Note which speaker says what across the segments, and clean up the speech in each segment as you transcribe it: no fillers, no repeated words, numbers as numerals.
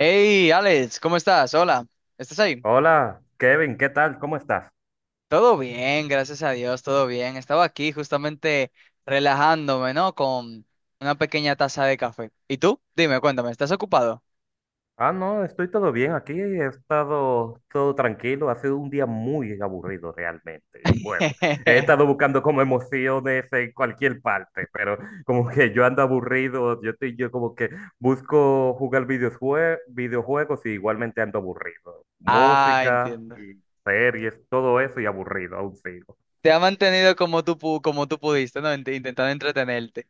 Speaker 1: Hey, Alex, ¿cómo estás? Hola, ¿estás ahí?
Speaker 2: Hola, Kevin, ¿qué tal? ¿Cómo estás?
Speaker 1: Todo bien, gracias a Dios, todo bien. Estaba aquí justamente relajándome, ¿no? Con una pequeña taza de café. ¿Y tú? Dime, cuéntame, ¿estás ocupado?
Speaker 2: Ah, no, estoy todo bien aquí, he estado todo tranquilo, ha sido un día muy aburrido realmente. Y bueno, he estado buscando como emociones en cualquier parte, pero como que yo ando aburrido, yo estoy, yo como que busco jugar videojuegos y igualmente ando aburrido.
Speaker 1: Ah,
Speaker 2: Música
Speaker 1: entiendo.
Speaker 2: y series, todo eso y aburrido, aún sigo.
Speaker 1: Te ha mantenido como tú, como tú pudiste, ¿no? Intentando entretenerte.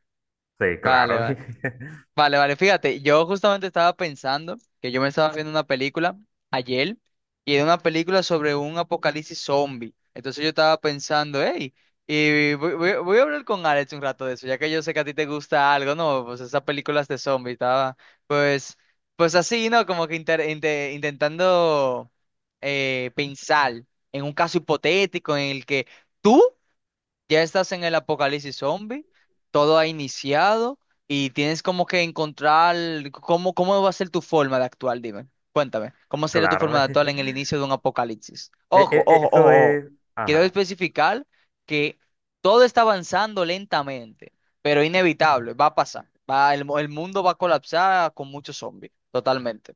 Speaker 2: Sí,
Speaker 1: Vale,
Speaker 2: claro,
Speaker 1: vale. Vale, vale, fíjate, yo justamente estaba pensando que yo me estaba viendo una película ayer y era una película sobre un apocalipsis zombie. Entonces yo estaba pensando, hey, y voy a hablar con Alex un rato de eso, ya que yo sé que a ti te gusta algo, ¿no? Pues esas películas de zombie, estaba, pues, pues así, ¿no? Como que intentando pensar en un caso hipotético en el que tú ya estás en el apocalipsis zombie, todo ha iniciado y tienes como que encontrar cómo, cómo va a ser tu forma de actuar, dime. Cuéntame, ¿cómo sería tu forma
Speaker 2: claro.
Speaker 1: de actuar en el inicio de un apocalipsis? Ojo, ojo,
Speaker 2: Eso
Speaker 1: ojo, ojo.
Speaker 2: es,
Speaker 1: Quiero
Speaker 2: ajá.
Speaker 1: especificar que todo está avanzando lentamente, pero inevitable, va a pasar. Va, el mundo va a colapsar con muchos zombies, totalmente.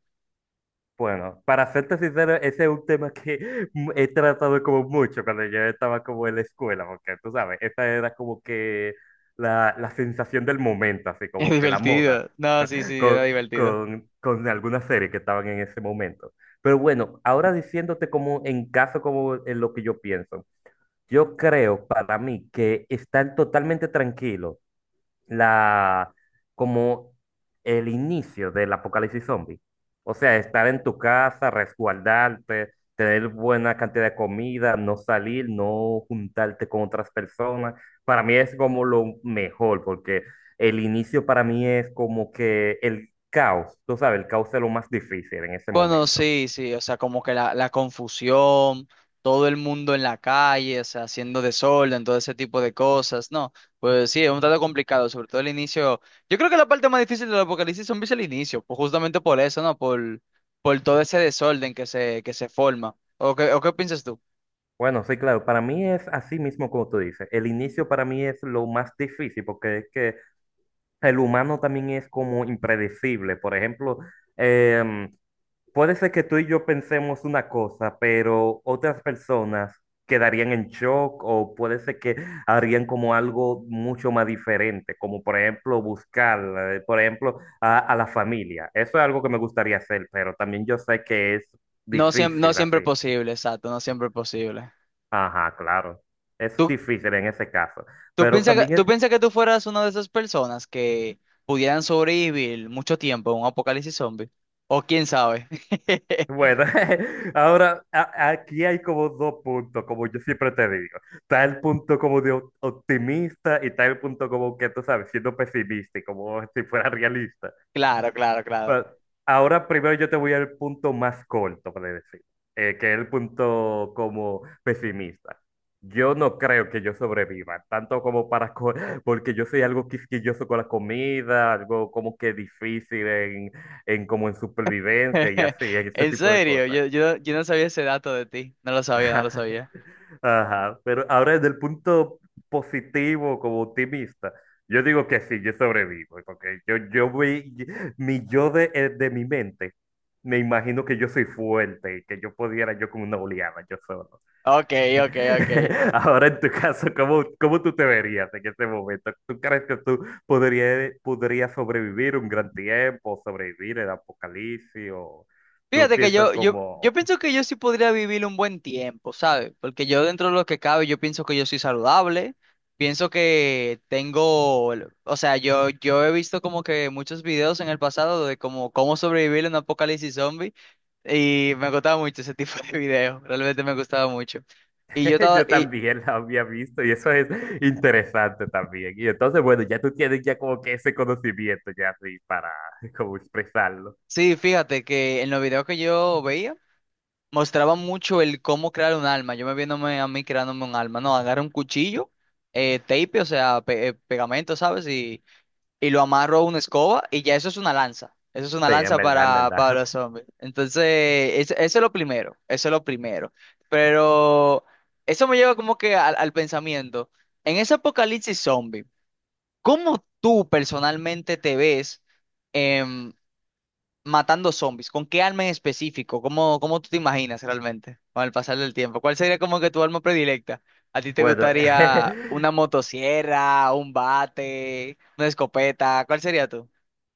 Speaker 2: Bueno, para serte sincero, ese es un tema que he tratado como mucho cuando yo estaba como en la escuela, porque tú sabes, esa era como que la sensación del momento, así
Speaker 1: Es
Speaker 2: como que la moda,
Speaker 1: divertido. No, sí, sí, era
Speaker 2: con,
Speaker 1: divertido.
Speaker 2: con, con algunas series que estaban en ese momento. Pero bueno, ahora diciéndote como en caso, como en lo que yo pienso, yo creo para mí que están totalmente tranquilos la, como el inicio del apocalipsis zombie. O sea, estar en tu casa, resguardarte, tener buena cantidad de comida, no salir, no juntarte con otras personas. Para mí es como lo mejor, porque el inicio para mí es como que el caos, tú sabes, el caos es lo más difícil en ese
Speaker 1: Bueno,
Speaker 2: momento.
Speaker 1: sí, sí, o sea, como que la confusión, todo el mundo en la calle, o sea, haciendo desorden, todo ese tipo de cosas, no, pues sí, es un tanto complicado, sobre todo el inicio. Yo creo que la parte más difícil del apocalipsis zombie es el inicio, pues justamente por eso, ¿no? Por todo ese desorden que se forma. O qué piensas tú?
Speaker 2: Bueno, sí, claro, para mí es así mismo como tú dices. El inicio para mí es lo más difícil porque es que el humano también es como impredecible. Por ejemplo, em, puede ser que tú y yo pensemos una cosa, pero otras personas quedarían en shock o puede ser que harían como algo mucho más diferente, como por ejemplo buscar, por ejemplo, a la familia. Eso es algo que me gustaría hacer, pero también yo sé que es
Speaker 1: No, no
Speaker 2: difícil
Speaker 1: siempre
Speaker 2: así.
Speaker 1: es posible, exacto, no siempre es posible.
Speaker 2: Ajá, claro. Es
Speaker 1: tú
Speaker 2: difícil en ese caso.
Speaker 1: ¿Tú
Speaker 2: Pero
Speaker 1: piensas que,
Speaker 2: también
Speaker 1: tú
Speaker 2: es,
Speaker 1: piensas que tú fueras una de esas personas que pudieran sobrevivir mucho tiempo a un apocalipsis zombie? ¿O quién sabe?
Speaker 2: bueno, ahora aquí hay como dos puntos, como yo siempre te digo. Está el punto como de optimista y está el punto como que tú sabes, siendo pesimista y como si fuera realista.
Speaker 1: Claro, claro, claro.
Speaker 2: Bueno, ahora primero yo te voy al punto más corto, por decir, que es el punto como pesimista. Yo no creo que yo sobreviva, tanto como para, porque yo soy algo quisquilloso con la comida, algo como que difícil en como en supervivencia y así, en ese
Speaker 1: En
Speaker 2: tipo de
Speaker 1: serio,
Speaker 2: cosas.
Speaker 1: yo no sabía ese dato de ti. No lo sabía, no lo sabía.
Speaker 2: Ajá, ajá, pero ahora desde el punto positivo, como optimista, yo digo que sí, yo sobrevivo, porque yo vi, mi yo de mi mente, me imagino que yo soy fuerte y que yo pudiera yo con una oleada, yo solo.
Speaker 1: Ok, ok, ok.
Speaker 2: Ahora en tu caso, ¿cómo, cómo tú te verías en este momento? ¿Tú crees que tú podrías, podrías sobrevivir un gran tiempo, sobrevivir el apocalipsis o tú
Speaker 1: Fíjate que
Speaker 2: piensas
Speaker 1: yo
Speaker 2: como...
Speaker 1: pienso que yo sí podría vivir un buen tiempo, ¿sabes? Porque yo dentro de lo que cabe, yo pienso que yo soy saludable, pienso que tengo, o sea, yo he visto como que muchos videos en el pasado de como cómo sobrevivir en un apocalipsis zombie y me gustaba mucho ese tipo de videos, realmente me gustaba mucho. Y yo estaba,
Speaker 2: Yo
Speaker 1: y,
Speaker 2: también la había visto y eso es interesante también. Y entonces, bueno, ya tú tienes ya como que ese conocimiento ya así para como expresarlo.
Speaker 1: sí, fíjate que en los videos que yo veía, mostraba mucho el cómo crear un alma. Yo me viéndome a mí creándome un alma. No, agarro un cuchillo, tape, o sea, pegamento, ¿sabes? Y lo amarro a una escoba y ya eso es una lanza. Eso es una
Speaker 2: Sí, en
Speaker 1: lanza
Speaker 2: verdad, en verdad.
Speaker 1: para los zombies. Entonces, eso es lo primero. Eso es lo primero. Pero eso me lleva como que al, al pensamiento. En ese apocalipsis zombie, ¿cómo tú personalmente te ves? em, matando zombies, ¿con qué arma en específico? ¿Cómo, cómo tú te imaginas realmente con el pasar del tiempo? ¿Cuál sería como que tu arma predilecta? ¿A ti te
Speaker 2: Bueno,
Speaker 1: gustaría una motosierra, un bate, una escopeta? ¿Cuál sería tú?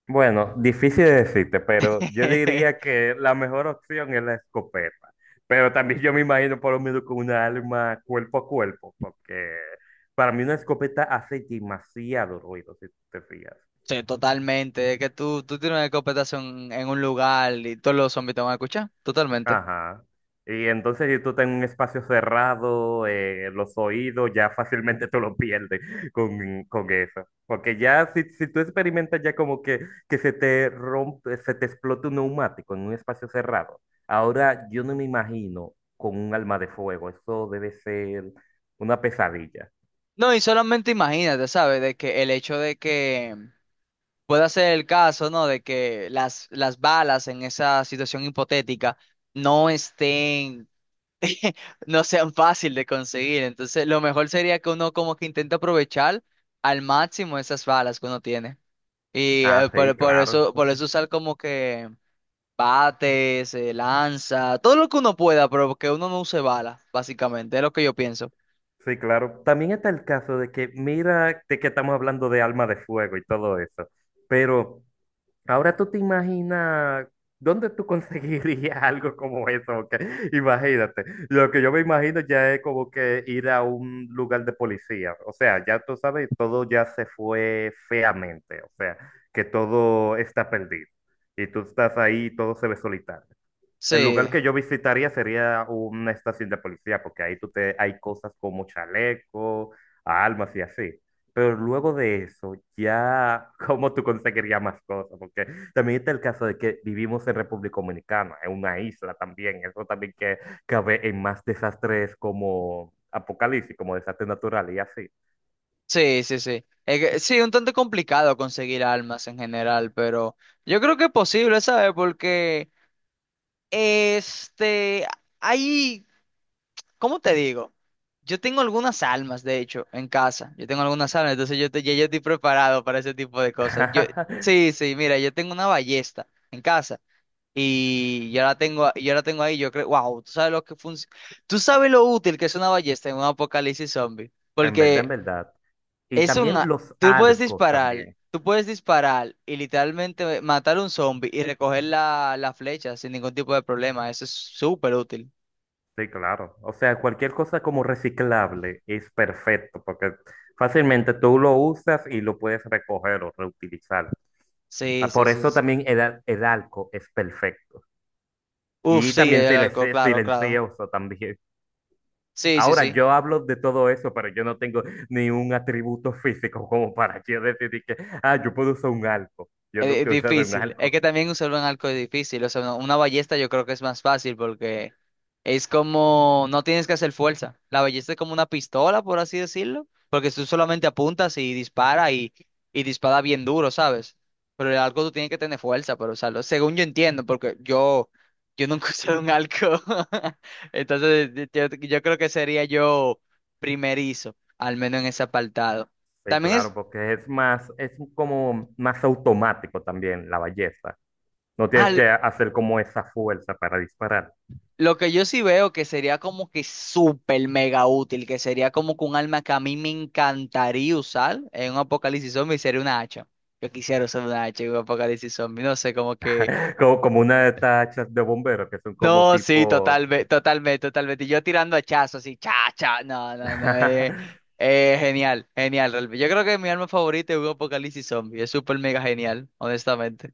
Speaker 2: bueno, difícil de decirte, pero yo diría que la mejor opción es la escopeta. Pero también yo me imagino por lo menos con una arma cuerpo a cuerpo, porque para mí una escopeta hace demasiado ruido, si tú te fijas.
Speaker 1: Sí, totalmente. Es que tú tienes una escopeta en un lugar y todos los zombies te van a escuchar. Totalmente.
Speaker 2: Ajá. Y entonces, si tú estás en un espacio cerrado, los oídos, ya fácilmente tú lo pierdes con eso. Porque ya, si, si tú experimentas ya como que se te rompe, se te explota un neumático en un espacio cerrado. Ahora, yo no me imagino con un alma de fuego. Eso debe ser una pesadilla.
Speaker 1: No, y solamente imagínate, ¿sabes? De que el hecho de que pueda ser el caso, ¿no? De que las balas en esa situación hipotética no estén no sean fácil de conseguir. Entonces, lo mejor sería que uno como que intente aprovechar al máximo esas balas que uno tiene. Y
Speaker 2: Ah, sí, claro.
Speaker 1: por eso usar como que bates, lanza, todo lo que uno pueda, pero que uno no use balas, básicamente, es lo que yo pienso.
Speaker 2: Sí, claro. También está el caso de que, mira, de que estamos hablando de alma de fuego y todo eso. Pero, ahora tú te imaginas dónde tú conseguirías algo como eso, que- imagínate. Lo que yo me imagino ya es como que ir a un lugar de policía. O sea, ya tú sabes, todo ya se fue feamente. O sea, que todo está perdido. Y tú estás ahí y todo se ve solitario. El
Speaker 1: Sí,
Speaker 2: lugar que yo visitaría sería una estación de policía, porque ahí tú te, hay cosas como chaleco, armas y así. Pero luego de eso, ya, ¿cómo tú conseguirías más cosas? Porque también está el caso de que vivimos en República Dominicana, en una isla también. Eso también que cabe en más desastres como apocalipsis, como desastres naturales y así.
Speaker 1: sí, sí, sí. Sí, un tanto complicado conseguir armas en general, pero yo creo que es posible, ¿sabes? Porque este, hay ¿Cómo te digo? Yo tengo algunas almas, de hecho, en casa. Yo tengo algunas almas, entonces yo, ya yo estoy preparado para ese tipo de cosas. Yo, sí, sí, mira, yo tengo una ballesta en casa y yo la tengo, yo la tengo ahí. Yo creo, wow, tú sabes lo útil que es una ballesta en un apocalipsis zombie,
Speaker 2: En verdad,
Speaker 1: porque
Speaker 2: en verdad. Y
Speaker 1: es
Speaker 2: también
Speaker 1: una,
Speaker 2: los arcos también.
Speaker 1: tú puedes disparar y literalmente matar a un zombie y recoger la, la flecha sin ningún tipo de problema. Eso es súper útil.
Speaker 2: Sí, claro. O sea, cualquier cosa como reciclable es perfecto porque fácilmente tú lo usas y lo puedes recoger o reutilizar.
Speaker 1: Sí,
Speaker 2: Ah,
Speaker 1: sí,
Speaker 2: por
Speaker 1: sí,
Speaker 2: eso
Speaker 1: sí.
Speaker 2: también el, el alco es perfecto.
Speaker 1: Uf,
Speaker 2: Y
Speaker 1: sí,
Speaker 2: también
Speaker 1: el arco, claro, claro.
Speaker 2: silencioso también.
Speaker 1: Sí, sí,
Speaker 2: Ahora,
Speaker 1: sí.
Speaker 2: yo hablo de todo eso, pero yo no tengo ni un atributo físico como para yo decidir que, ah, yo puedo usar un alco. Yo
Speaker 1: Es
Speaker 2: nunca he usado un
Speaker 1: difícil. Es
Speaker 2: alco.
Speaker 1: que también usar un arco es difícil. O sea, una ballesta yo creo que es más fácil porque es como, no tienes que hacer fuerza. La ballesta es como una pistola, por así decirlo, porque tú solamente apuntas y dispara bien duro, ¿sabes? Pero el arco tú tienes que tener fuerza para usarlo. Según yo entiendo, porque yo nunca he usado un arco. Entonces, yo creo que sería yo primerizo, al menos en ese apartado.
Speaker 2: Sí,
Speaker 1: También es
Speaker 2: claro, porque es más, es como más automático también la belleza. No
Speaker 1: Ah,
Speaker 2: tienes
Speaker 1: l-
Speaker 2: que hacer como esa fuerza para disparar.
Speaker 1: lo que yo sí veo que sería como que súper mega útil, que sería como que un arma que a mí me encantaría usar en un apocalipsis zombie sería una hacha. Yo quisiera usar una hacha en un apocalipsis zombie, no sé, como que...
Speaker 2: Como, como una de estas hachas de bomberos que son como
Speaker 1: No, sí,
Speaker 2: tipo...
Speaker 1: totalmente, totalmente, totalmente. Y yo tirando hachazos así, cha, cha, no, no, no, genial, genial. Realmente. Yo creo que mi arma favorita es un apocalipsis zombie, es súper mega genial, honestamente.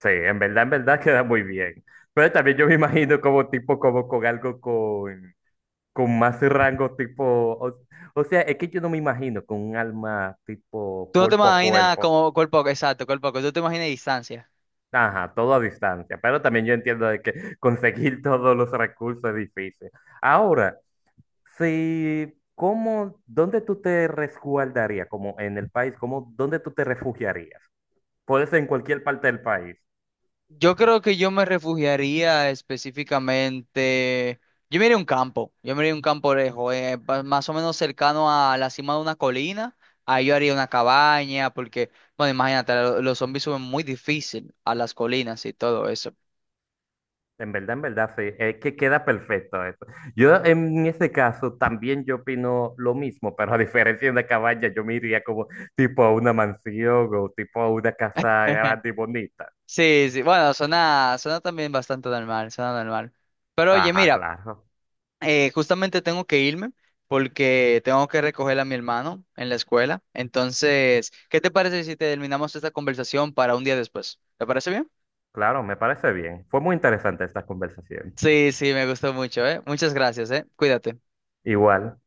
Speaker 2: Sí, en verdad queda muy bien. Pero también yo me imagino como tipo, como con algo con más rango tipo... O, o sea, es que yo no me imagino con un alma tipo
Speaker 1: Tú no te
Speaker 2: cuerpo a
Speaker 1: imaginas
Speaker 2: cuerpo.
Speaker 1: como cuerpo, exacto, cuerpo, tú te imaginas distancia.
Speaker 2: Ajá, todo a distancia. Pero también yo entiendo de que conseguir todos los recursos es difícil. Ahora... sí, ¿cómo, dónde tú te resguardarías? Como en el país, ¿cómo, dónde tú te refugiarías? Puede ser en cualquier parte del país.
Speaker 1: Yo creo que yo me refugiaría específicamente. Yo me iría a un campo, yo me iría a un campo lejos, más o menos cercano a la cima de una colina. Ahí yo haría una cabaña, porque, bueno, imagínate, los zombies suben muy difícil a las colinas y todo eso.
Speaker 2: En verdad, sí. Es que queda perfecto eso. Yo en ese caso también yo opino lo mismo, pero a diferencia de una cabaña, yo me iría como tipo a una mansión o tipo a una casa grande y bonita.
Speaker 1: Sí, sí, bueno, suena, suena también bastante normal, suena normal. Pero oye,
Speaker 2: Ajá,
Speaker 1: mira.
Speaker 2: claro.
Speaker 1: Justamente tengo que irme porque tengo que recoger a mi hermano en la escuela. Entonces, ¿qué te parece si terminamos esta conversación para un día después? ¿Te parece bien?
Speaker 2: Claro, me parece bien. Fue muy interesante esta conversación.
Speaker 1: Sí, sí, me gustó mucho, ¿eh? Muchas gracias, ¿eh? Cuídate.
Speaker 2: Igual.